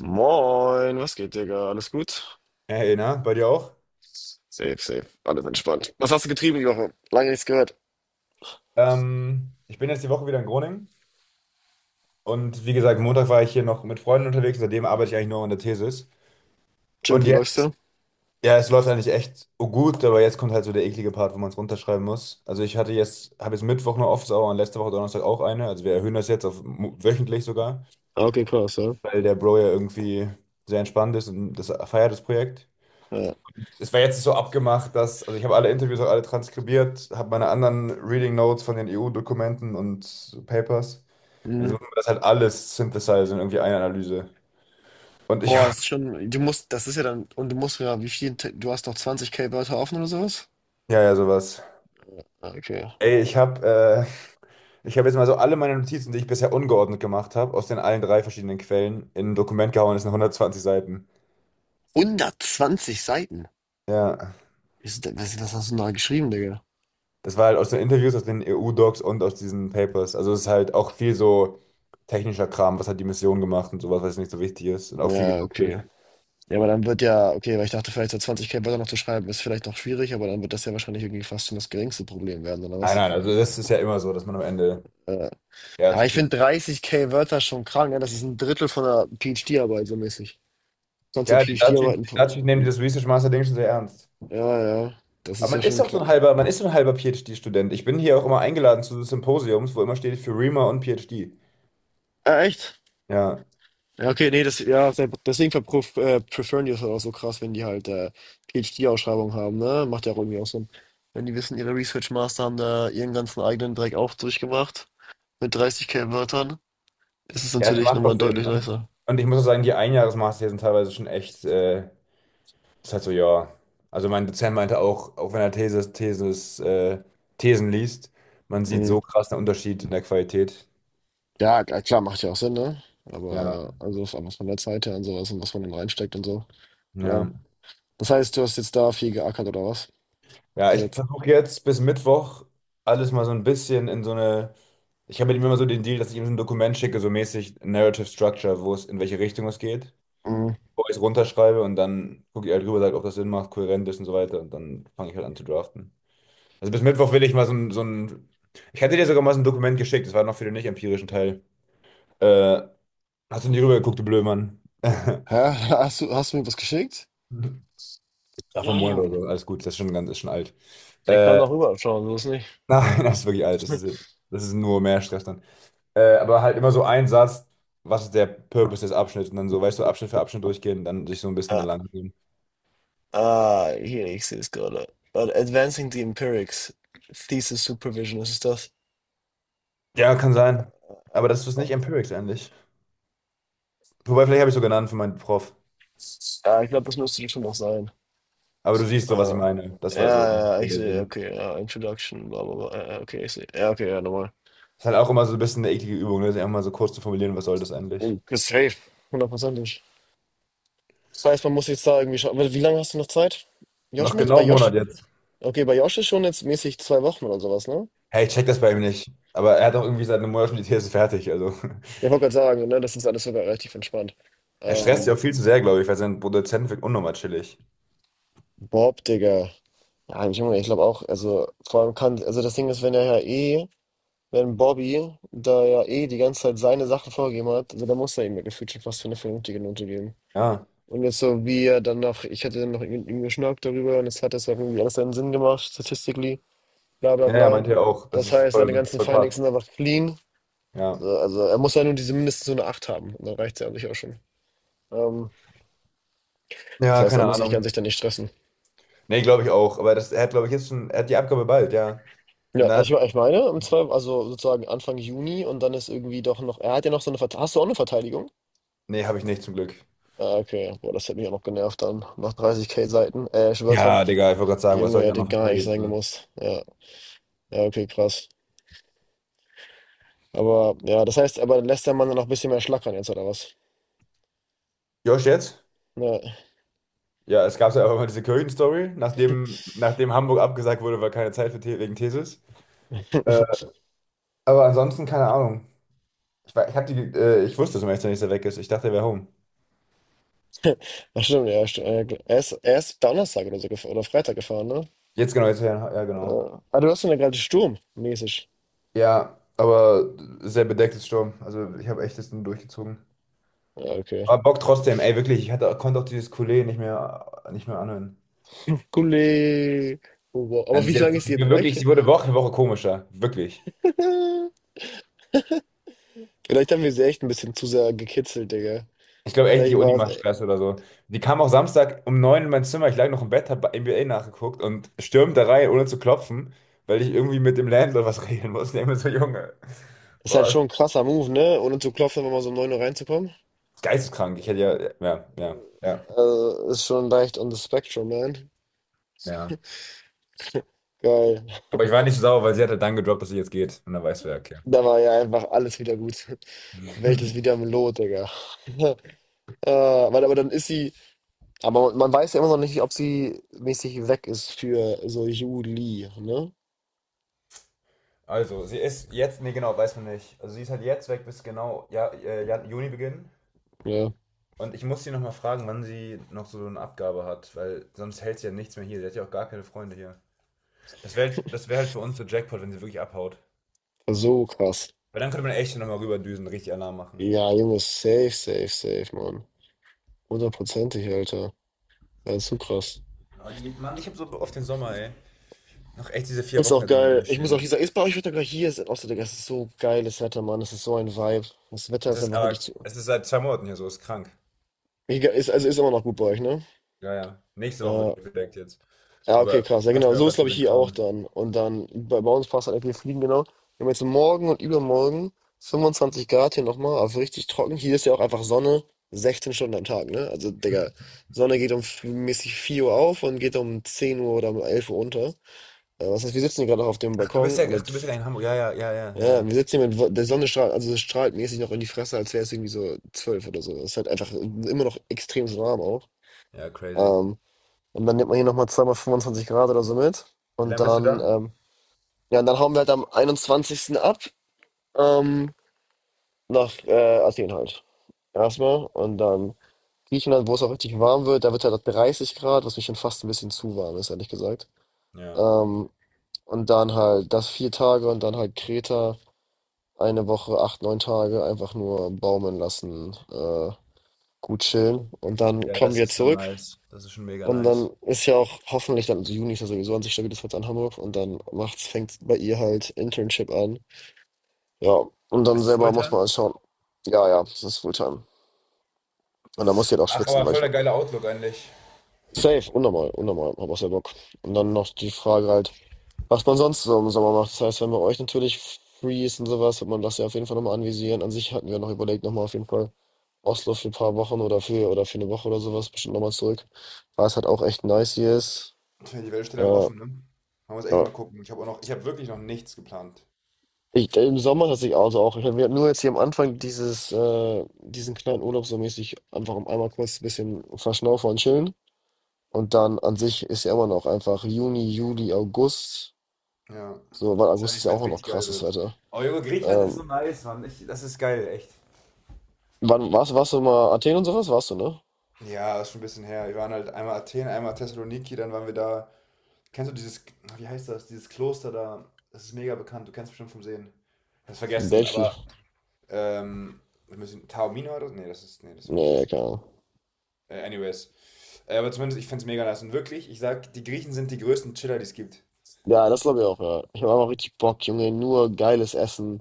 Moin, was geht, Digga? Alles gut? Hey, na, bei dir auch? Safe, safe. Alles entspannt. Was hast du getrieben die Woche? Lange nichts gehört. Ich bin jetzt die Woche wieder in Groningen und wie gesagt, Montag war ich hier noch mit Freunden unterwegs, seitdem arbeite ich eigentlich nur an der Thesis. Jim, Und wie läufst jetzt, du? ja, es läuft eigentlich echt gut, aber jetzt kommt halt so der eklige Part, wo man es runterschreiben muss. Also ich habe jetzt Mittwoch eine Office-Hour und letzte Woche Donnerstag auch eine. Also wir erhöhen das jetzt auf wöchentlich sogar, Ah, okay, krass, ja. weil der Bro ja irgendwie sehr entspannt ist und das feiert das Projekt. Ja. Es war jetzt so abgemacht, dass, also ich habe alle Interviews auch alle transkribiert, habe meine anderen Reading Notes von den EU-Dokumenten und so Papers. Und jetzt Mhm. muss man das halt alles synthesizen, in irgendwie eine Analyse. Und ich Boah, habe, das ist schon. Du musst, das ist ja dann. Und du musst ja, wie viel. Du hast noch 20K Wörter offen oder sowas? ja, ja, sowas. Ah, okay. Ey, ich habe jetzt mal so alle meine Notizen, die ich bisher ungeordnet gemacht habe, aus den allen drei verschiedenen Quellen, in ein Dokument gehauen, das sind 120 Seiten. 120 Seiten. Ja. Wie ist das, was hast du denn da geschrieben, Digga? Das war halt aus den Interviews, aus den EU-Docs und aus diesen Papers. Also es ist halt auch viel so technischer Kram, was hat die Mission gemacht und sowas, was nicht so wichtig ist. Und auch viel Ja, okay. gedoppelt. Ja, aber dann wird ja, okay, weil ich dachte, vielleicht so 20K Wörter noch zu schreiben, ist vielleicht noch schwierig, aber dann wird das ja wahrscheinlich irgendwie fast schon das geringste Problem werden, oder Nein, was? nein, also das ist ja immer so, dass man am Ende Äh, ja Ja, zu ich viel. finde 30K Wörter schon krank, ne? Das ist ein Drittel von einer PhD-Arbeit so mäßig. Sonst ja Ja, die Dutchies, PhD-Arbeiten die von. Dutchies nehmen dieses Research Master Ding schon sehr ernst. Ja, ja, das Aber ist ja man ist schon auch so krass. ein halber, man ist so ein halber PhD-Student. Ich bin hier auch immer eingeladen zu Symposiums, wo immer steht für REMA und PhD. Ah, echt? Ja. Ja, okay, nee, das, ja, deswegen verpruf, preferen die das halt auch so krass, wenn die halt PhD-Ausschreibungen haben, ne? Macht ja auch irgendwie auch Sinn. Wenn die wissen, ihre Research Master haben da ihren ganzen eigenen Dreck auch durchgemacht, mit 30K Wörtern, ist es Ja, es natürlich macht doch nochmal Sinn. deutlich Und, nicer. und ich muss auch sagen, die Einjahresmaster hier sind teilweise schon echt. Ist halt so, ja. Also mein Dozent meinte auch, auch wenn er Thesen liest, man sieht Mhm. so krass einen Unterschied in der Qualität. Ja, klar, macht ja auch Sinn, ne? Ja, Aber also was von der Zeit her und sowas und was man dann reinsteckt und so. Ja. ja. Das heißt, du hast jetzt da viel geackert oder was? Ja, Die ich letzten. versuche jetzt bis Mittwoch alles mal so ein bisschen in so eine. Ich habe mit ihm immer so den Deal, dass ich ihm so ein Dokument schicke, so mäßig Narrative Structure, wo es in welche Richtung es geht, Mhm. wo ich es runterschreibe und dann gucke ich halt drüber, sage, ob das Sinn macht, kohärent ist und so weiter und dann fange ich halt an zu draften. Also bis Mittwoch will ich mal so ein, so ein. Ich hatte dir sogar mal so ein Dokument geschickt, das war noch für den nicht empirischen Teil. Äh, hast du nicht rübergeguckt, du Blödmann? Hä? Hast du mir was geschickt? Ach, vom Monat oder Ah, so, alles gut, das ist schon ganz, ist schon alt. ich kann Äh, doch rüber schauen, so ist nicht. nein, das ist wirklich alt, das ist, das ist nur mehr Stress dann. Aber halt immer so ein Satz, was ist der Purpose des Abschnitts und dann so, weißt du, Abschnitt für Abschnitt durchgehen und dann sich so ein bisschen da Ah, lang gehen. ah, hier, ich sehe es gerade. Warte, Advancing the Empirics. Thesis Supervision, was ist das? Ja, kann sein. Aber das ist nicht Empirics eigentlich. Wobei, vielleicht habe ich so genannt für meinen Prof. Ja, ich glaube, das müsste schon noch sein. Aber du siehst so, was ich Ah, meine. Das ja, war so. Das ist ja, so ich der sehe, Sinn. okay, ja, Introduction, bla bla bla. Ja, ja, okay, ich sehe. Ja, okay, ja, normal. Ist halt auch immer so ein bisschen eine eklige Übung, ne? Sich einfach mal so kurz zu formulieren, was soll das eigentlich? Mhm. Ist safe. Hundertprozentig. Das heißt, man muss jetzt da irgendwie schauen. Warte, wie lange hast du noch Zeit? Josh, Noch meinst du? genau Bei einen Josh? Monat jetzt. Okay, bei Josh ist schon jetzt mäßig 2 Wochen oder sowas, ne? Hey, ich check das bei ihm Okay. nicht. Aber er hat auch irgendwie seit einem Monat schon die These fertig. Also Ja, ich wollte gerade sagen, ne, das ist alles sogar relativ entspannt. er stresst sich Ähm, auch viel zu sehr, glaube ich, weil sein Produzent wirkt unnormal chillig. Bob, Digga. Ja, Junge, ich glaube auch, also vor allem kann, also das Ding ist, wenn er ja eh, wenn Bobby da ja eh die ganze Zeit seine Sachen vorgegeben hat, also da muss er ihm ja gefühlt schon fast für eine vernünftige Note geben. Ja. Und jetzt so wie er dann noch, ich hatte dann noch irgendwie mit ihm darüber und es hat das ja irgendwie alles seinen Sinn gemacht, statistically, bla bla Ja, ja, bla. meinte er auch. Das heißt, seine Das ist ganzen voll passt. Findings sind einfach clean. Ja. So, also er muss ja nur diese mindestens so eine 8 haben. Und dann reicht es ja an sich auch schon. Ähm, Das Ja, heißt, er keine muss sich ganz Ahnung. sich dann nicht stressen. Nee, glaube ich auch. Aber das, er hat, glaube ich, jetzt schon, er hat die Abgabe bald, ja. Ja, Und dann hat, also ich meine, im Zweifel, also sozusagen Anfang Juni und dann ist irgendwie doch noch, er hat ja noch so eine Verteidigung. Hast du auch eine Verteidigung? nee, habe ich nicht zum Glück. Ah, okay. Boah, das hätte mich auch noch genervt dann. Nach 30K Seiten, Wörtern. Ja, Digga, ich wollte gerade Der sagen, was Junge, soll ich auch hätte noch gar nicht verteidigen? sein Ne? gemusst. Ja, ja, okay, krass. Aber ja, das heißt, aber lässt der Mann dann noch ein bisschen mehr schlackern jetzt, oder was? Josh jetzt? Ja, Ja, es gab ja auch immer diese Kirchen-Story, nachdem Hamburg abgesagt wurde, weil keine Zeit für The wegen Thesis. Äh, aber ansonsten keine Ahnung. Ich, war- ich, hab die, ich wusste, dass Meister nicht so weg ist. Ich dachte, er wäre home. das stimmt, ja, stimmt. Ja, er ist Donnerstag oder so oder Freitag gefahren, ne? Jetzt genau, jetzt ja, ja, genau. Ja. Ah, du hast ja gerade Sturm, mäßig. Ja, aber sehr bedecktes Sturm. Also ich habe echt das nur durchgezogen. Ja, okay. Aber Bock trotzdem, ey, wirklich. Ich hatte, konnte auch dieses Coulet nicht mehr anhören. Gule. Oh, wow. Aber Und wie sie hat lange ist die sie jetzt wirklich, weg? sie wurde Woche für Woche komischer. Wirklich. Vielleicht haben wir sie echt ein bisschen zu sehr gekitzelt, Digga. Ich glaube echt, die Vielleicht Uni war es, macht ey. Stress oder so. Die kam auch Samstag um neun in mein Zimmer. Ich lag noch im Bett, habe NBA nachgeguckt und stürmt da rein, ohne zu klopfen, weil ich irgendwie mit dem Landlord was regeln musste. Ich denk mir so, Junge, Ist halt boah, schon ein krasser Move, ne? Ohne zu klopfen, wenn man so um 9 Uhr reinzukommen. Geisteskrank. Ich hätte ja, ja, ja, ja, Also, ist schon leicht on the spectrum, man. ja. Geil. Aber ich war nicht so sauer, weil sie hat halt dann gedroppt, dass sie jetzt geht. Und dann weißt du ja, okay. Da war ja einfach alles wieder gut. Welt ist wieder im Lot, Digga. Aber dann ist sie. Aber man weiß ja immer noch nicht, ob sie mäßig weg ist für so Juli, ne? Also, sie ist jetzt, nee, genau, weiß man nicht. Also, sie ist halt jetzt weg bis genau ja, Juni beginnen. Ja. Und ich muss sie nochmal fragen, wann sie noch so eine Abgabe hat, weil sonst hält sie ja nichts mehr hier. Sie hat ja auch gar keine Freunde hier. Das wär halt für uns so Jackpot, wenn sie wirklich abhaut. Also, so krass. Weil dann könnte man echt nochmal rüberdüsen, richtig Alarm machen. Ja, Junge, safe, safe, safe, Mann. Hundertprozentig, Alter. Ja, ist so krass. Oh, die, Mann, ich habe so oft den Sommer, ey. Noch echt diese vier Ist Wochen auch jetzt irgendwie geil. Ich muss auch durchstehen. dieser, ist bei euch Wetter gleich hier sind. Außer, Digga, es ist so geiles Wetter, Mann. Es ist so ein Vibe. Das Wetter Es ist ist einfach wirklich aber, zu. es ist seit 2 Monaten hier so, ist krank. Egal, ist, also ist immer noch gut bei euch, ne? Ja, ja. Nächste Woche Ja. wird gedeckt jetzt. Ja, okay, Aber krass. Ja, passt genau. mir auch So ist, ganz glaube gut ich, in den hier auch Kram. dann. Und dann, bei uns passt halt einfach, wir fliegen, genau. Wir haben jetzt morgen und übermorgen 25 Grad hier nochmal, also richtig trocken. Hier ist ja auch einfach Sonne 16 Stunden am Tag, ne? Also, Digga, Sonne geht um mäßig 4 Uhr auf und geht um 10 Uhr oder um 11 Uhr unter. Ja, was heißt, wir sitzen hier gerade noch auf dem Ach, du bist Balkon ja, ach, mit, du bist ja in Hamburg. Ja, ja, ja, ja, ja, ja, ja. wir sitzen hier mit, der Sonne strahlt, also es strahlt mäßig noch in die Fresse, als wäre es irgendwie so zwölf oder so. Es ist halt einfach immer noch extrem so warm auch. Ja, crazy. Ähm, und dann nimmt man hier nochmal zweimal 25 Grad oder so mit. Wie Und lange bist du dann, da? Ja, und dann hauen wir halt am 21. ab, ähm, nach Athen halt. Erstmal. Und dann Griechenland, wo es auch richtig warm wird, da wird halt 30 Grad, was mich schon fast ein bisschen zu warm ist, ehrlich gesagt. Ja. Ähm, und dann halt das 4 Tage und dann halt Kreta. Eine Woche, acht, neun Tage einfach nur baumeln lassen, gut chillen. Und dann Ja, kommen das wir ist schon zurück. nice. Das ist schon mega Und dann nice. ist ja auch hoffentlich dann, also Juni ist ja sowieso an sich stabiles Wetter in Hamburg. Und dann macht's, fängt bei ihr halt Internship an. Ja, und dann Ist es selber muss man Fulltime? halt schauen. Ja, ja, das ist Fulltime. Und dann muss sie halt auch Ach, schwitzen, aber weil voll ich. der geile Outlook eigentlich. Safe, unnormal, unnormal, hab auch sehr Bock. Und dann noch die Frage halt, was man sonst so im Sommer macht. Das heißt, wenn bei euch natürlich free ist und sowas, wird man das ja auf jeden Fall nochmal anvisieren. An sich hatten wir noch überlegt, nochmal auf jeden Fall Oslo für ein paar Wochen oder für eine Woche oder sowas, bestimmt nochmal zurück, weil es halt auch echt nice hier ist. Tja, die Welt steht einem Äh, offen, ne? Man muss echt ja. mal gucken. Ich habe auch noch, ich habe wirklich noch nichts geplant. Im Sommer tatsächlich auch, also auch. Ich, wir hatten nur jetzt hier am Anfang diesen kleinen Urlaub so mäßig, einfach um einmal kurz ein bisschen verschnaufen und chillen. Und dann an sich ist ja immer noch einfach Juni, Juli, August. Ja. So, weil August ist Wahrscheinlich, ja wenn es auch noch richtig geil krasses wird. Wetter. Oh, Junge, Griechenland ist Ähm, so nice, Mann. Ich, das ist geil, echt. Wann warst du mal Athen und sowas? Warst du, ne? Ja, ist schon ein bisschen her. Wir waren halt einmal Athen, einmal Thessaloniki, dann waren wir da. Kennst du dieses, na, wie heißt das, dieses Kloster da? Das ist mega bekannt, du kennst bestimmt vom Sehen. Ich hab's In vergessen, Delphi. aber ähm, wir müssen, Taormina oder? So? Nee, das ist, nee, das war Nee, anders. keine Ahnung. Anyways. Aber zumindest, ich find's mega nice. Und wirklich, ich sag, die Griechen sind die größten Chiller, die es gibt. Ja, das glaube ich auch, ja. Ich habe auch richtig Bock, Junge. Nur geiles Essen.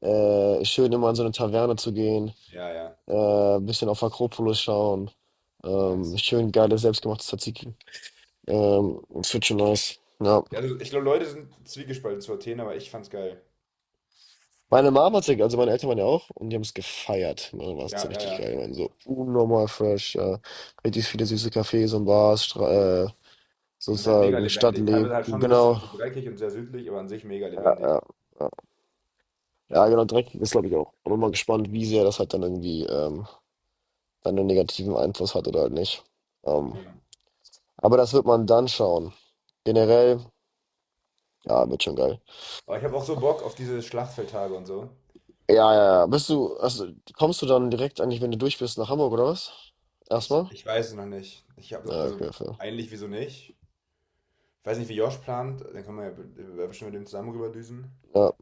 Schön immer in so eine Taverne zu gehen. Ja, ja, Bisschen auf Akropolis schauen. Nice. Schön geiles selbstgemachtes Tzatziki. Das wird schon nice. Ja. Ja, also ich glaube, Leute sind zwiegespalten zu Athen, aber ich fand's geil. Meine Mama hat's, also meine Eltern waren ja auch und die haben es gefeiert. Ne, war es so Ja, ja, richtig ja. geil. Ich meine, so unnormal fresh, ja. Richtig viele süße Cafés und Bars, Stra Und halt mega sozusagen lebendig. Stadtleben. Teilweise halt schon ein bisschen Genau. so dreckig und sehr südlich, aber an sich mega Ja, lebendig. ja. Ja, ja, genau, Dreck ist, glaube ich, auch. Bin mal gespannt, wie sehr das halt dann irgendwie dann einen negativen Einfluss hat oder halt nicht. Ähm, Ja. aber das wird man dann schauen. Generell, ja, wird schon geil. Aber ich habe auch so Bock auf diese Schlachtfeldtage und so. Ja, ja, ja. Bist du, also kommst du dann direkt eigentlich, wenn du durch bist, nach Hamburg oder was? Ich, Erstmal? ich weiß es noch nicht. Ich habe, Ja, also okay, fair. eigentlich wieso nicht? Ich weiß nicht, wie Josh plant. Dann können wir ja bestimmt mit dem zusammen rüberdüsen. Ja,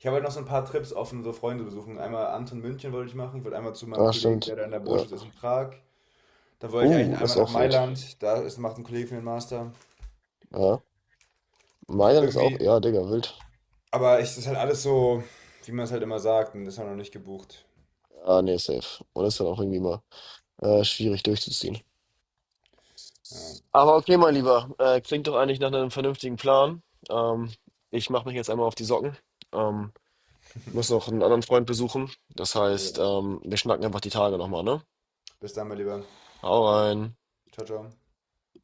Ich habe halt noch so ein paar Trips offen, so Freunde besuchen. Einmal Anton München wollte ich machen. Ich wollte einmal zu meinem ah, Kollegen, stimmt. der da in der Ja. Botschaft ist in Prag. Dann wollte ich eigentlich Das ist einmal nach auch wild. Mailand. Da ist, macht ein Kollege für den Master. Ja. Mailand ist auch, Irgendwie, ja, Digga, wild. aber es ist halt alles so, wie man es halt immer sagt. Und das ist halt noch nicht gebucht. Ah, nee, safe. Und das ist dann auch irgendwie mal schwierig durchzuziehen. Ja. Aber okay, mein Lieber, klingt doch eigentlich nach einem vernünftigen Plan. Ähm, Ich mache mich jetzt einmal auf die Socken. Ähm, Muss noch einen anderen Freund besuchen. Das heißt, Alright. Wir schnacken einfach die Tage nochmal, ne? Bis dann, mein Lieber. Hau rein. Ciao, ciao.